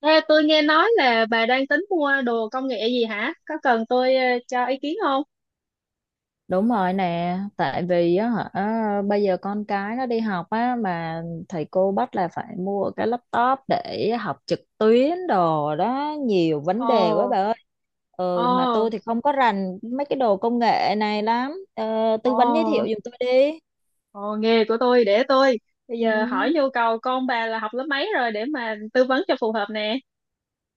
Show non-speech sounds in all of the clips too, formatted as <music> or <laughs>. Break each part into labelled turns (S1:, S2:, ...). S1: Ê, tôi nghe nói là bà đang tính mua đồ công nghệ gì hả? Có cần tôi cho ý kiến không?
S2: Đúng rồi nè, tại vì á hả bây giờ con cái nó đi học á mà thầy cô bắt là phải mua cái laptop để học trực tuyến đồ đó, nhiều vấn
S1: Ồ,
S2: đề quá bà ơi. Ừ mà tôi
S1: ồ,
S2: thì không có rành mấy cái đồ công nghệ này lắm. Ờ, Tư vấn giới thiệu
S1: ồ,
S2: giùm tôi đi.
S1: ồ, nghề của tôi để tôi. Bây
S2: Ừ,
S1: giờ hỏi nhu cầu con bà là học lớp mấy rồi để mà tư vấn cho phù hợp nè.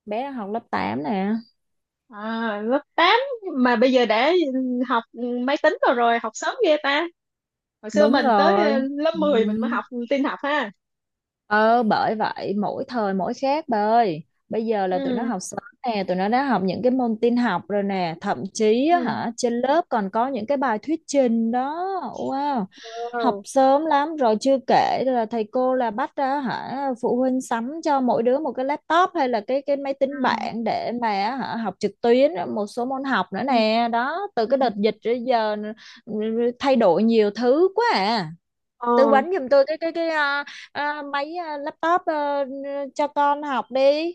S2: bé học lớp tám nè.
S1: À, lớp 8 mà bây giờ đã học máy tính rồi rồi, học sớm ghê ta. Hồi xưa
S2: Đúng
S1: mình tới
S2: rồi.
S1: lớp
S2: Ừ.
S1: mười mình mới học tin học ha.
S2: Ờ bởi vậy mỗi thời mỗi khác bà ơi. Bây giờ là tụi nó
S1: Ừ,
S2: học sớm nè. Tụi nó đã học những cái môn tin học rồi nè. Thậm chí
S1: ừ.
S2: á hả trên lớp còn có những cái bài thuyết trình đó. Wow. Học
S1: Wow.
S2: sớm lắm rồi chưa kể là thầy cô là bắt ra hả, phụ huynh sắm cho mỗi đứa một cái laptop hay là cái máy
S1: Ừ,
S2: tính bảng để mà á hả học trực tuyến một số môn học nữa
S1: ừ,
S2: nè. Đó từ
S1: ừ.
S2: cái đợt dịch tới giờ thay đổi nhiều thứ quá à.
S1: Ồ.
S2: Tư vấn giùm tôi máy laptop cho con học đi.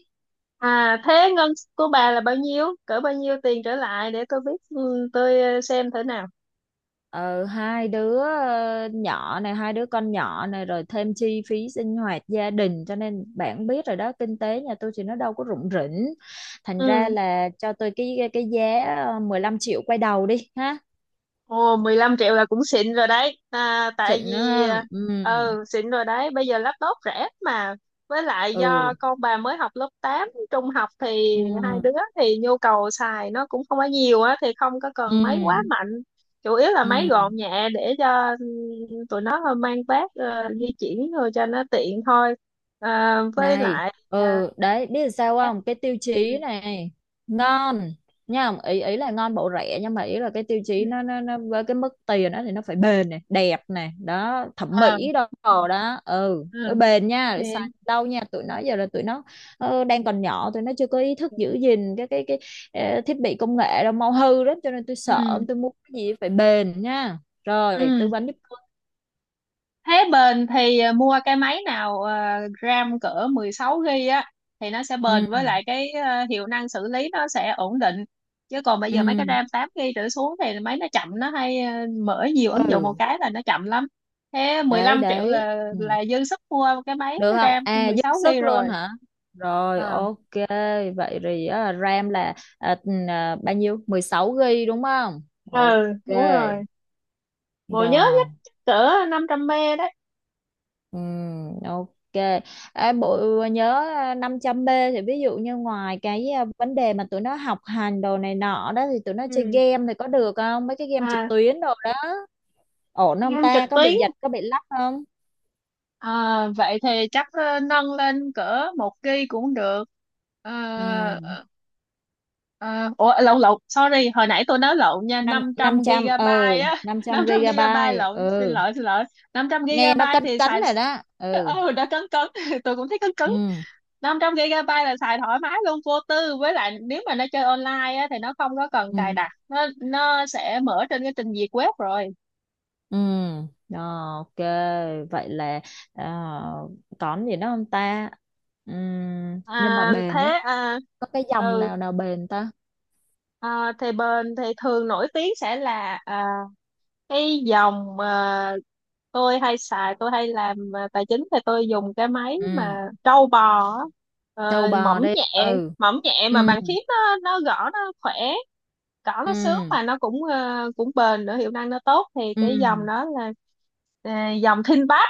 S1: À thế ngân của bà là bao nhiêu? Cỡ bao nhiêu tiền trở lại để tôi biết, ừ, tôi xem thử nào.
S2: Ờ Hai đứa nhỏ này, hai đứa con nhỏ này, rồi thêm chi phí sinh hoạt gia đình, cho nên bạn biết rồi đó, kinh tế nhà tôi thì nó đâu có rủng rỉnh, thành ra
S1: Ừ.
S2: là cho tôi cái giá 15 triệu quay đầu đi ha.
S1: Ồ, 15 triệu là cũng xịn rồi đấy. À, tại
S2: Xịn nữa
S1: vì
S2: ha. Ừ.
S1: ờ ừ, xịn rồi đấy, bây giờ laptop rẻ mà. Với lại do
S2: Ừ.
S1: con bà mới học lớp 8 trung học thì hai đứa
S2: Ừ.
S1: thì nhu cầu xài nó cũng không có nhiều á thì không có cần máy, ừ, quá,
S2: Ừ.
S1: ừ, mạnh. Chủ yếu là
S2: Ừ,
S1: máy gọn nhẹ để cho tụi nó mang vác di chuyển rồi cho nó tiện thôi. À, với
S2: này.
S1: lại à,
S2: Ừ, đấy biết sao
S1: chắc-
S2: không, cái tiêu
S1: ừ.
S2: chí này ngon nha. Ý ý là ngon bộ rẻ, nhưng mà ý là cái tiêu
S1: Ừ.
S2: chí nó với cái mức tiền đó thì nó phải bền này, đẹp này, đó, thẩm
S1: Ờ,
S2: mỹ
S1: ừ.
S2: đồ đó. Ừ,
S1: Ừ.
S2: nó bền nha,
S1: Ok.
S2: để xài lâu nha, tụi nó giờ là tụi nó đang còn nhỏ, tụi nó chưa có ý thức giữ gìn thiết bị công nghệ đâu, mau hư lắm, cho nên tôi sợ,
S1: Ừ.
S2: tôi muốn cái gì phải bền nha. Rồi
S1: Ừ.
S2: tư vấn giúp tôi.
S1: Thế bền thì mua cái máy nào RAM cỡ 16 GB á thì nó sẽ bền, với
S2: Ừ.
S1: lại cái hiệu năng xử lý nó sẽ ổn định. Chứ còn bây
S2: Ừ.
S1: giờ mấy cái RAM 8 GB trở xuống thì máy nó chậm, nó hay mở nhiều ứng dụng một
S2: Ừ.
S1: cái là nó chậm lắm. Thế
S2: Đấy
S1: 15 triệu
S2: đấy, ừ.
S1: là dư sức mua cái máy
S2: Được không?
S1: RAM
S2: À dư
S1: 16 GB
S2: sức
S1: rồi.
S2: luôn hả. Rồi
S1: Ờ.
S2: ok. Vậy thì RAM là bao nhiêu? 16 GB đúng không? Ok
S1: Ừ, đúng rồi, bộ nhớ nhất
S2: rồi.
S1: chắc cỡ 500 mê đấy.
S2: Ừ, ok. Bộ nhớ 500B thì ví dụ như ngoài vấn đề mà tụi nó học hành đồ này nọ đó, thì tụi nó chơi
S1: Ừ.
S2: game thì có được không, mấy cái game trực
S1: À,
S2: tuyến đồ đó, ổn không
S1: game trực
S2: ta, có
S1: tuyến.
S2: bị giật có bị lắc không.
S1: À, vậy thì chắc nâng lên cỡ một kg cũng được. Ờ,
S2: Ừ.
S1: ờ, ờ, ủa, lộn lộn, sorry, hồi nãy tôi nói lộn nha,
S2: năm
S1: 500
S2: Năm trăm, ừ,
S1: gigabyte á,
S2: năm
S1: <laughs> năm
S2: trăm
S1: trăm gigabyte
S2: gigabyte,
S1: lộn, xin
S2: ừ,
S1: lỗi xin lỗi. Năm trăm
S2: nghe nó
S1: gigabyte
S2: cấn
S1: thì
S2: cấn
S1: xài.
S2: rồi đó.
S1: <laughs>
S2: Ừ.
S1: Ừ đã cấn cấn, <laughs> tôi cũng thấy cấn cấn.
S2: Ừ.
S1: Năm trăm gigabyte là xài thoải mái luôn, vô tư, với lại nếu mà nó chơi online á, thì nó không có cần cài
S2: Ừ.
S1: đặt, nó sẽ mở trên cái trình duyệt web rồi.
S2: Ừ. Ờ, ok, vậy là uh, còn gì nữa không ta. Nhưng mà
S1: À
S2: bền á,
S1: thế à
S2: có cái dòng
S1: ừ.
S2: nào nào bền ta.
S1: Ờ, thì bên thì thường nổi tiếng sẽ là cái dòng mà tôi hay xài, tôi hay làm tài chính thì tôi dùng cái máy
S2: Ừ,
S1: mà trâu bò á.
S2: trâu
S1: Ờ,
S2: bò
S1: mỏng
S2: đi.
S1: nhẹ
S2: Ừ.
S1: mỏng nhẹ mà
S2: Ừ.
S1: bàn phím nó gõ nó khỏe, gõ nó sướng
S2: Ừ.
S1: mà nó cũng cũng bền nữa, hiệu năng nó tốt, thì cái
S2: Ừ.
S1: dòng đó là ờ, dòng ThinkPad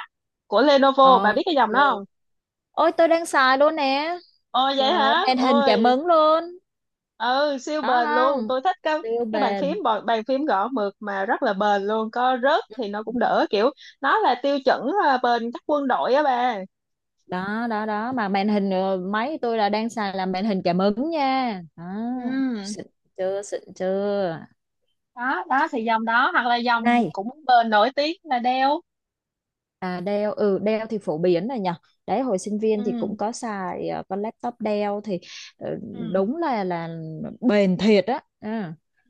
S1: của Lenovo, bà biết
S2: Ok.
S1: cái dòng đó không?
S2: Ôi tôi đang xài luôn nè,
S1: Ồ
S2: trời
S1: vậy
S2: ơi,
S1: hả?
S2: màn hình cảm
S1: Ôi,
S2: ứng luôn
S1: ừ, siêu
S2: đó
S1: bền luôn,
S2: không,
S1: tôi thích
S2: siêu
S1: cái
S2: bền.
S1: bàn phím gõ mượt mà rất là bền luôn, có rớt thì nó
S2: Ừ.
S1: cũng đỡ, kiểu nó là tiêu chuẩn bền các quân đội á bà.
S2: Đó đó đó, mà màn hình máy tôi là đang xài là màn hình cảm ứng nha đó,
S1: Ừ,
S2: xịn chưa, xịn chưa,
S1: đó đó, thì dòng đó hoặc là dòng
S2: này.
S1: cũng bền nổi tiếng là Dell.
S2: À Dell, ừ, Dell thì phổ biến rồi nhỉ. Đấy hồi sinh viên thì
S1: Ừ,
S2: cũng có xài con laptop Dell thì ờ,
S1: ừ,
S2: đúng là bền thiệt á. Ừ.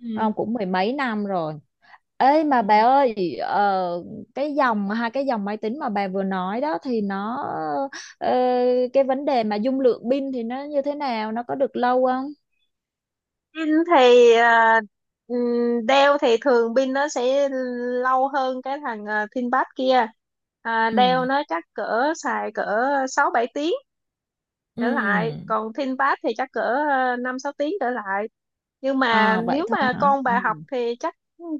S1: ừ,
S2: Không cũng mười mấy năm rồi. Ê mà
S1: ừ.
S2: bà ơi, cái dòng hai cái dòng máy tính mà bà vừa nói đó, thì nó ờ, cái vấn đề mà dung lượng pin thì nó như thế nào, nó có được lâu không.
S1: Pin thì đeo thì thường pin nó sẽ lâu hơn cái thằng ThinkPad kia. À, đeo
S2: Ừ.
S1: nó chắc cỡ xài cỡ sáu bảy tiếng trở lại,
S2: Ừ.
S1: còn Thiên Pass thì chắc cỡ năm sáu tiếng trở lại, nhưng mà
S2: À, vậy
S1: nếu
S2: thôi
S1: mà
S2: hả.
S1: con bà học
S2: Ừ,
S1: thì chắc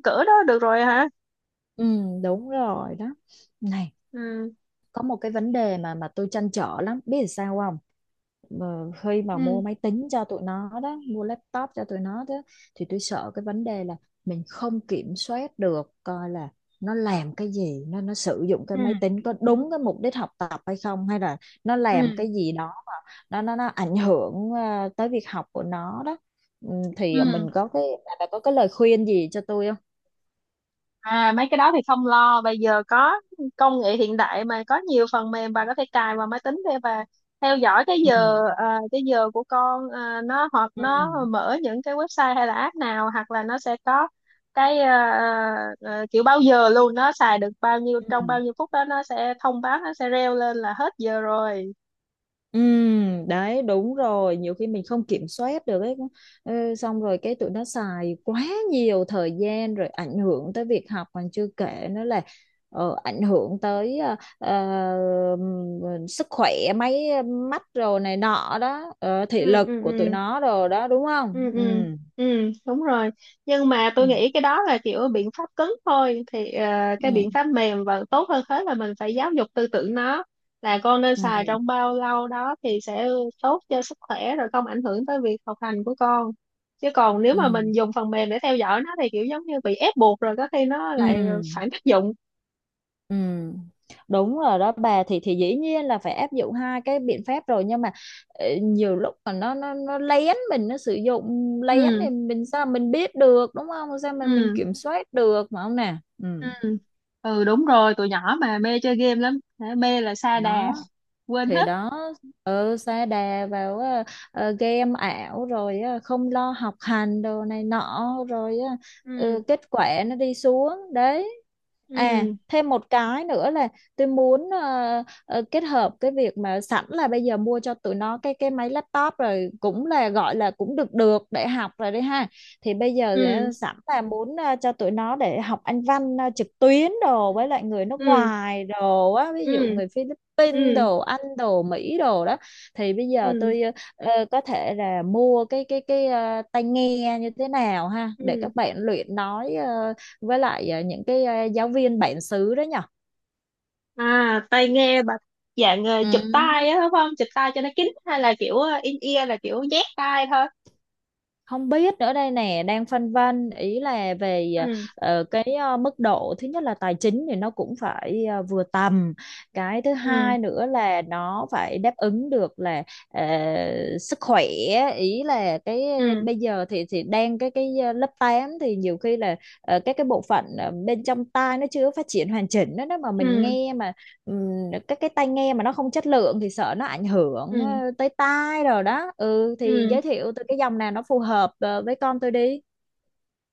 S1: cỡ đó được rồi hả.
S2: ừ, đúng rồi đó, này.
S1: Ừ,
S2: Có một cái vấn đề mà tôi trăn trở lắm, biết là sao không. Khi mà
S1: ừ,
S2: mua máy tính cho tụi nó đó, mua laptop cho tụi nó đó, thì tôi sợ cái vấn đề là mình không kiểm soát được, coi là nó làm cái gì, nó sử dụng cái
S1: ừ,
S2: máy tính có đúng cái mục đích học tập hay không, hay là nó làm
S1: ừ,
S2: cái gì đó mà nó ảnh hưởng tới việc học của nó đó. Ừ, thì mình
S1: ừ.
S2: có cái bà có cái lời khuyên gì cho tôi không.
S1: À mấy cái đó thì không lo, bây giờ có công nghệ hiện đại mà, có nhiều phần mềm bà có thể cài vào máy tính để bà theo dõi cái
S2: Ừ.
S1: giờ cái giờ của con nó, hoặc
S2: Ừ.
S1: nó mở những cái website hay là app nào, hoặc là nó sẽ có cái kiểu bao giờ luôn nó xài được bao nhiêu trong
S2: Ừ.
S1: bao nhiêu phút đó, nó sẽ thông báo, nó sẽ reo lên là hết giờ rồi.
S2: Ừ, đấy đúng rồi, nhiều khi mình không kiểm soát được ấy. Ừ, xong rồi cái tụi nó xài quá nhiều thời gian rồi ảnh hưởng tới việc học, còn chưa kể nữa là ảnh hưởng tới sức khỏe, mấy mắt rồi này nọ đó, thị
S1: Ừ,
S2: lực
S1: ừ,
S2: của tụi
S1: ừ,
S2: nó rồi đó, đúng không.
S1: ừ,
S2: Ừ.
S1: ừ, ừ, đúng rồi. Nhưng mà
S2: Ừ.
S1: tôi nghĩ cái đó là kiểu biện pháp cứng thôi, thì cái biện
S2: Ừ.
S1: pháp mềm và tốt hơn hết là mình phải giáo dục tư tưởng nó, là con nên xài
S2: Ừ.
S1: trong bao lâu đó thì sẽ tốt cho sức khỏe, rồi không ảnh hưởng tới việc học hành của con. Chứ còn nếu mà
S2: Ừ.
S1: mình dùng phần mềm để theo dõi nó thì kiểu giống như bị ép buộc, rồi có khi nó
S2: Ừ.
S1: lại phản tác dụng.
S2: Ừ, đúng rồi đó bà, thì dĩ nhiên là phải áp dụng hai cái biện pháp rồi, nhưng mà nhiều lúc mà nó lén mình, nó sử dụng lén
S1: Ừ,
S2: thì mình sao mình biết được, đúng không, sao mình
S1: ừ,
S2: kiểm soát được mà không nè. Ừ.
S1: ừ, ừ đúng rồi, tụi nhỏ mà mê chơi game lắm, mê là sa đà,
S2: Đó
S1: <laughs> quên
S2: thì
S1: hết.
S2: đó, ừ, sa đà vào game ảo rồi, không lo học hành đồ này nọ rồi. Ờ, ừ,
S1: Ừ,
S2: kết quả nó đi xuống đấy. À
S1: ừ,
S2: thêm một cái nữa là tôi muốn kết hợp cái việc mà sẵn là bây giờ mua cho tụi nó cái máy laptop rồi, cũng là gọi là cũng được được để học rồi đấy ha. Thì bây giờ thì,
S1: ừ,
S2: sẵn là muốn cho tụi nó để học Anh văn trực tuyến đồ, với lại người nước
S1: ừ,
S2: ngoài đồ á, ví dụ
S1: ừ,
S2: người Philippines, Vinh
S1: ừ,
S2: đồ, Anh đồ, Mỹ đồ đó. Thì bây giờ
S1: ừ,
S2: tôi có thể là mua tai nghe như thế nào ha, để
S1: ừ.
S2: các bạn luyện nói với lại những cái giáo viên bản xứ đó nhở.
S1: À tai nghe bà dạng
S2: Ừ.
S1: chụp tai á đúng không, chụp tai cho nó kín, hay là kiểu in ear là kiểu nhét tai thôi?
S2: Không biết nữa đây nè, đang phân vân, ý là về
S1: Ừ,
S2: cái mức độ thứ nhất là tài chính thì nó cũng phải vừa tầm, cái thứ
S1: ừ,
S2: hai nữa là nó phải đáp ứng được là ờ, sức khỏe, ý là cái
S1: ừ,
S2: bây giờ thì đang lớp 8 thì nhiều khi là các cái bộ phận bên trong tai nó chưa phát triển hoàn chỉnh đó, đó mà mình
S1: ừ,
S2: nghe mà ừm, các cái tai nghe mà nó không chất lượng thì sợ nó ảnh hưởng
S1: ừ,
S2: tới tai rồi đó. Ừ thì
S1: ừ.
S2: giới thiệu tôi cái dòng nào nó phù hợp với con tôi đi.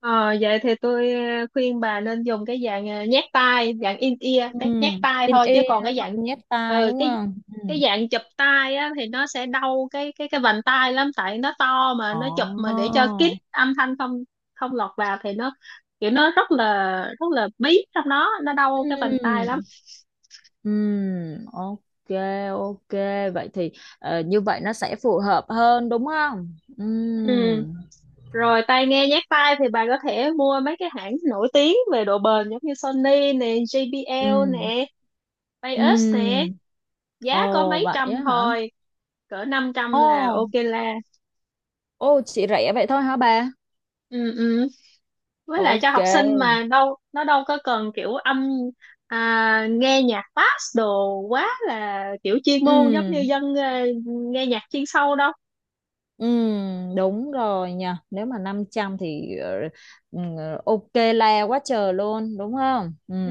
S1: Ờ, vậy thì tôi khuyên bà nên dùng cái dạng nhét tai, dạng in ear,
S2: Ừ,
S1: cái nhét tai
S2: in
S1: thôi, chứ
S2: ear
S1: còn cái
S2: đúng
S1: dạng
S2: không? Nhét tai
S1: ờ,
S2: đúng
S1: cái
S2: không? Ừ.
S1: cái dạng chụp tai á thì nó sẽ đau cái cái vành tai lắm, tại nó to mà
S2: Ồ.
S1: nó chụp mà để cho kín âm thanh không không lọt vào, thì nó kiểu nó rất là bí trong đó, nó đau cái vành tai lắm.
S2: Ừm, ok. Ok, vậy thì như vậy nó sẽ phù hợp hơn đúng không.
S1: Ừ. Rồi tai nghe nhét tai thì bà có thể mua mấy cái hãng nổi tiếng về độ bền giống như Sony nè, JBL
S2: Ừm,
S1: nè, Bios nè,
S2: ừm.
S1: giá có
S2: Ồ
S1: mấy
S2: vậy
S1: trăm
S2: á hả.
S1: thôi, cỡ năm
S2: Ồ.
S1: trăm là ok la.
S2: Ồ chị rẻ vậy thôi hả bà.
S1: Ừ, ừ, với lại cho
S2: Ok.
S1: học sinh mà, đâu nó đâu có cần kiểu âm nghe nhạc bass đồ quá, là kiểu chuyên môn giống như
S2: Ừm.
S1: dân nghe nhạc chuyên sâu đâu.
S2: Ừ, đúng rồi nha. Nếu mà 500 thì ừ, ok la quá trời luôn, đúng không? Ừ.
S1: Ừ.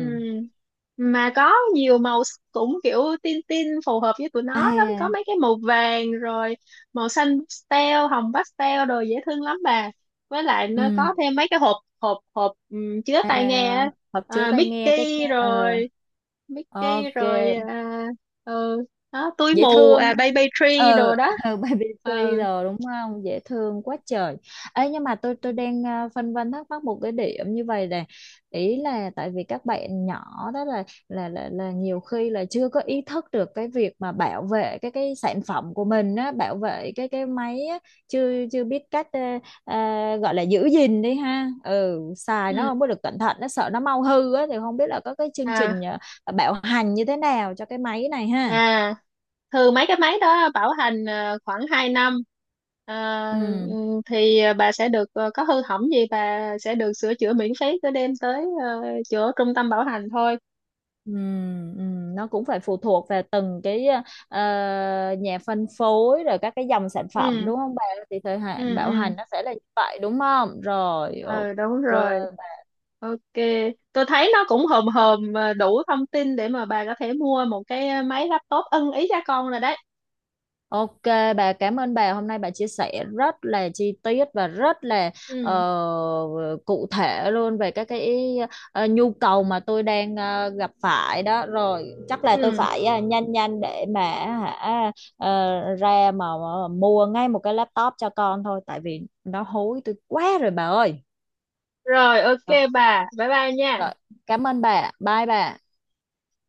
S1: Mà có nhiều cũng kiểu tin tin phù hợp với tụi nó
S2: À.
S1: lắm, có mấy cái màu vàng rồi màu xanh pastel, hồng pastel đồ dễ thương lắm bà, với lại nó
S2: Ừ.
S1: có thêm mấy cái hộp hộp hộp chứa
S2: À
S1: tai nghe á.
S2: hộp chứa
S1: À,
S2: tai nghe cái
S1: Mickey
S2: cái- ờ
S1: rồi Mickey
S2: Ok.
S1: rồi à, ừ, đó túi
S2: Dễ
S1: mù
S2: thương
S1: à,
S2: ha.
S1: baby tree
S2: Ừ,
S1: đồ đó.
S2: ừ, <laughs> baby
S1: Ừ.
S2: thriller đúng không, dễ thương quá trời. Ấy nhưng mà tôi
S1: Ừ.
S2: tôi đang phân vân thắc mắc một cái điểm như vậy này. Ý là tại vì các bạn nhỏ đó là là nhiều khi là chưa có ý thức được cái việc mà bảo vệ cái sản phẩm của mình á, bảo vệ cái máy á, chưa chưa biết cách gọi là giữ gìn đi ha. Ừ xài nó
S1: ừ
S2: không có được cẩn thận nó, sợ nó mau hư á, thì không biết là có cái chương trình
S1: à
S2: bảo hành như thế nào cho cái máy này ha.
S1: à Thường mấy cái máy đó bảo hành khoảng 2 năm. Ờ,
S2: Ừ.
S1: thì bà sẽ được có hư hỏng gì bà sẽ được sửa chữa miễn phí, cứ đem tới chỗ trung tâm bảo hành thôi.
S2: Ừ, nó cũng phải phụ thuộc vào từng cái ờ, nhà phân phối rồi các cái dòng sản phẩm
S1: Ừ,
S2: đúng không bà, thì thời hạn
S1: ừ,
S2: bảo
S1: ừ,
S2: hành nó sẽ là như vậy đúng không. Rồi
S1: ừ đúng
S2: ok.
S1: rồi, ok. Tôi thấy nó cũng hòm hòm đủ thông tin để mà bà có thể mua một cái máy laptop ưng ý cho con rồi đấy.
S2: Ok, bà cảm ơn bà, hôm nay bà chia sẻ rất là chi tiết và rất là ờ,
S1: Ừ,
S2: cụ thể luôn về các cái nhu cầu mà tôi đang gặp phải đó. Rồi chắc là tôi
S1: ừ,
S2: phải nhanh nhanh để mà hả ra mà mua ngay một cái laptop cho con thôi, tại vì nó hối tôi quá rồi bà ơi.
S1: rồi ok,
S2: Ờ,
S1: bà bye bye nha.
S2: rồi cảm ơn bà, bye bà.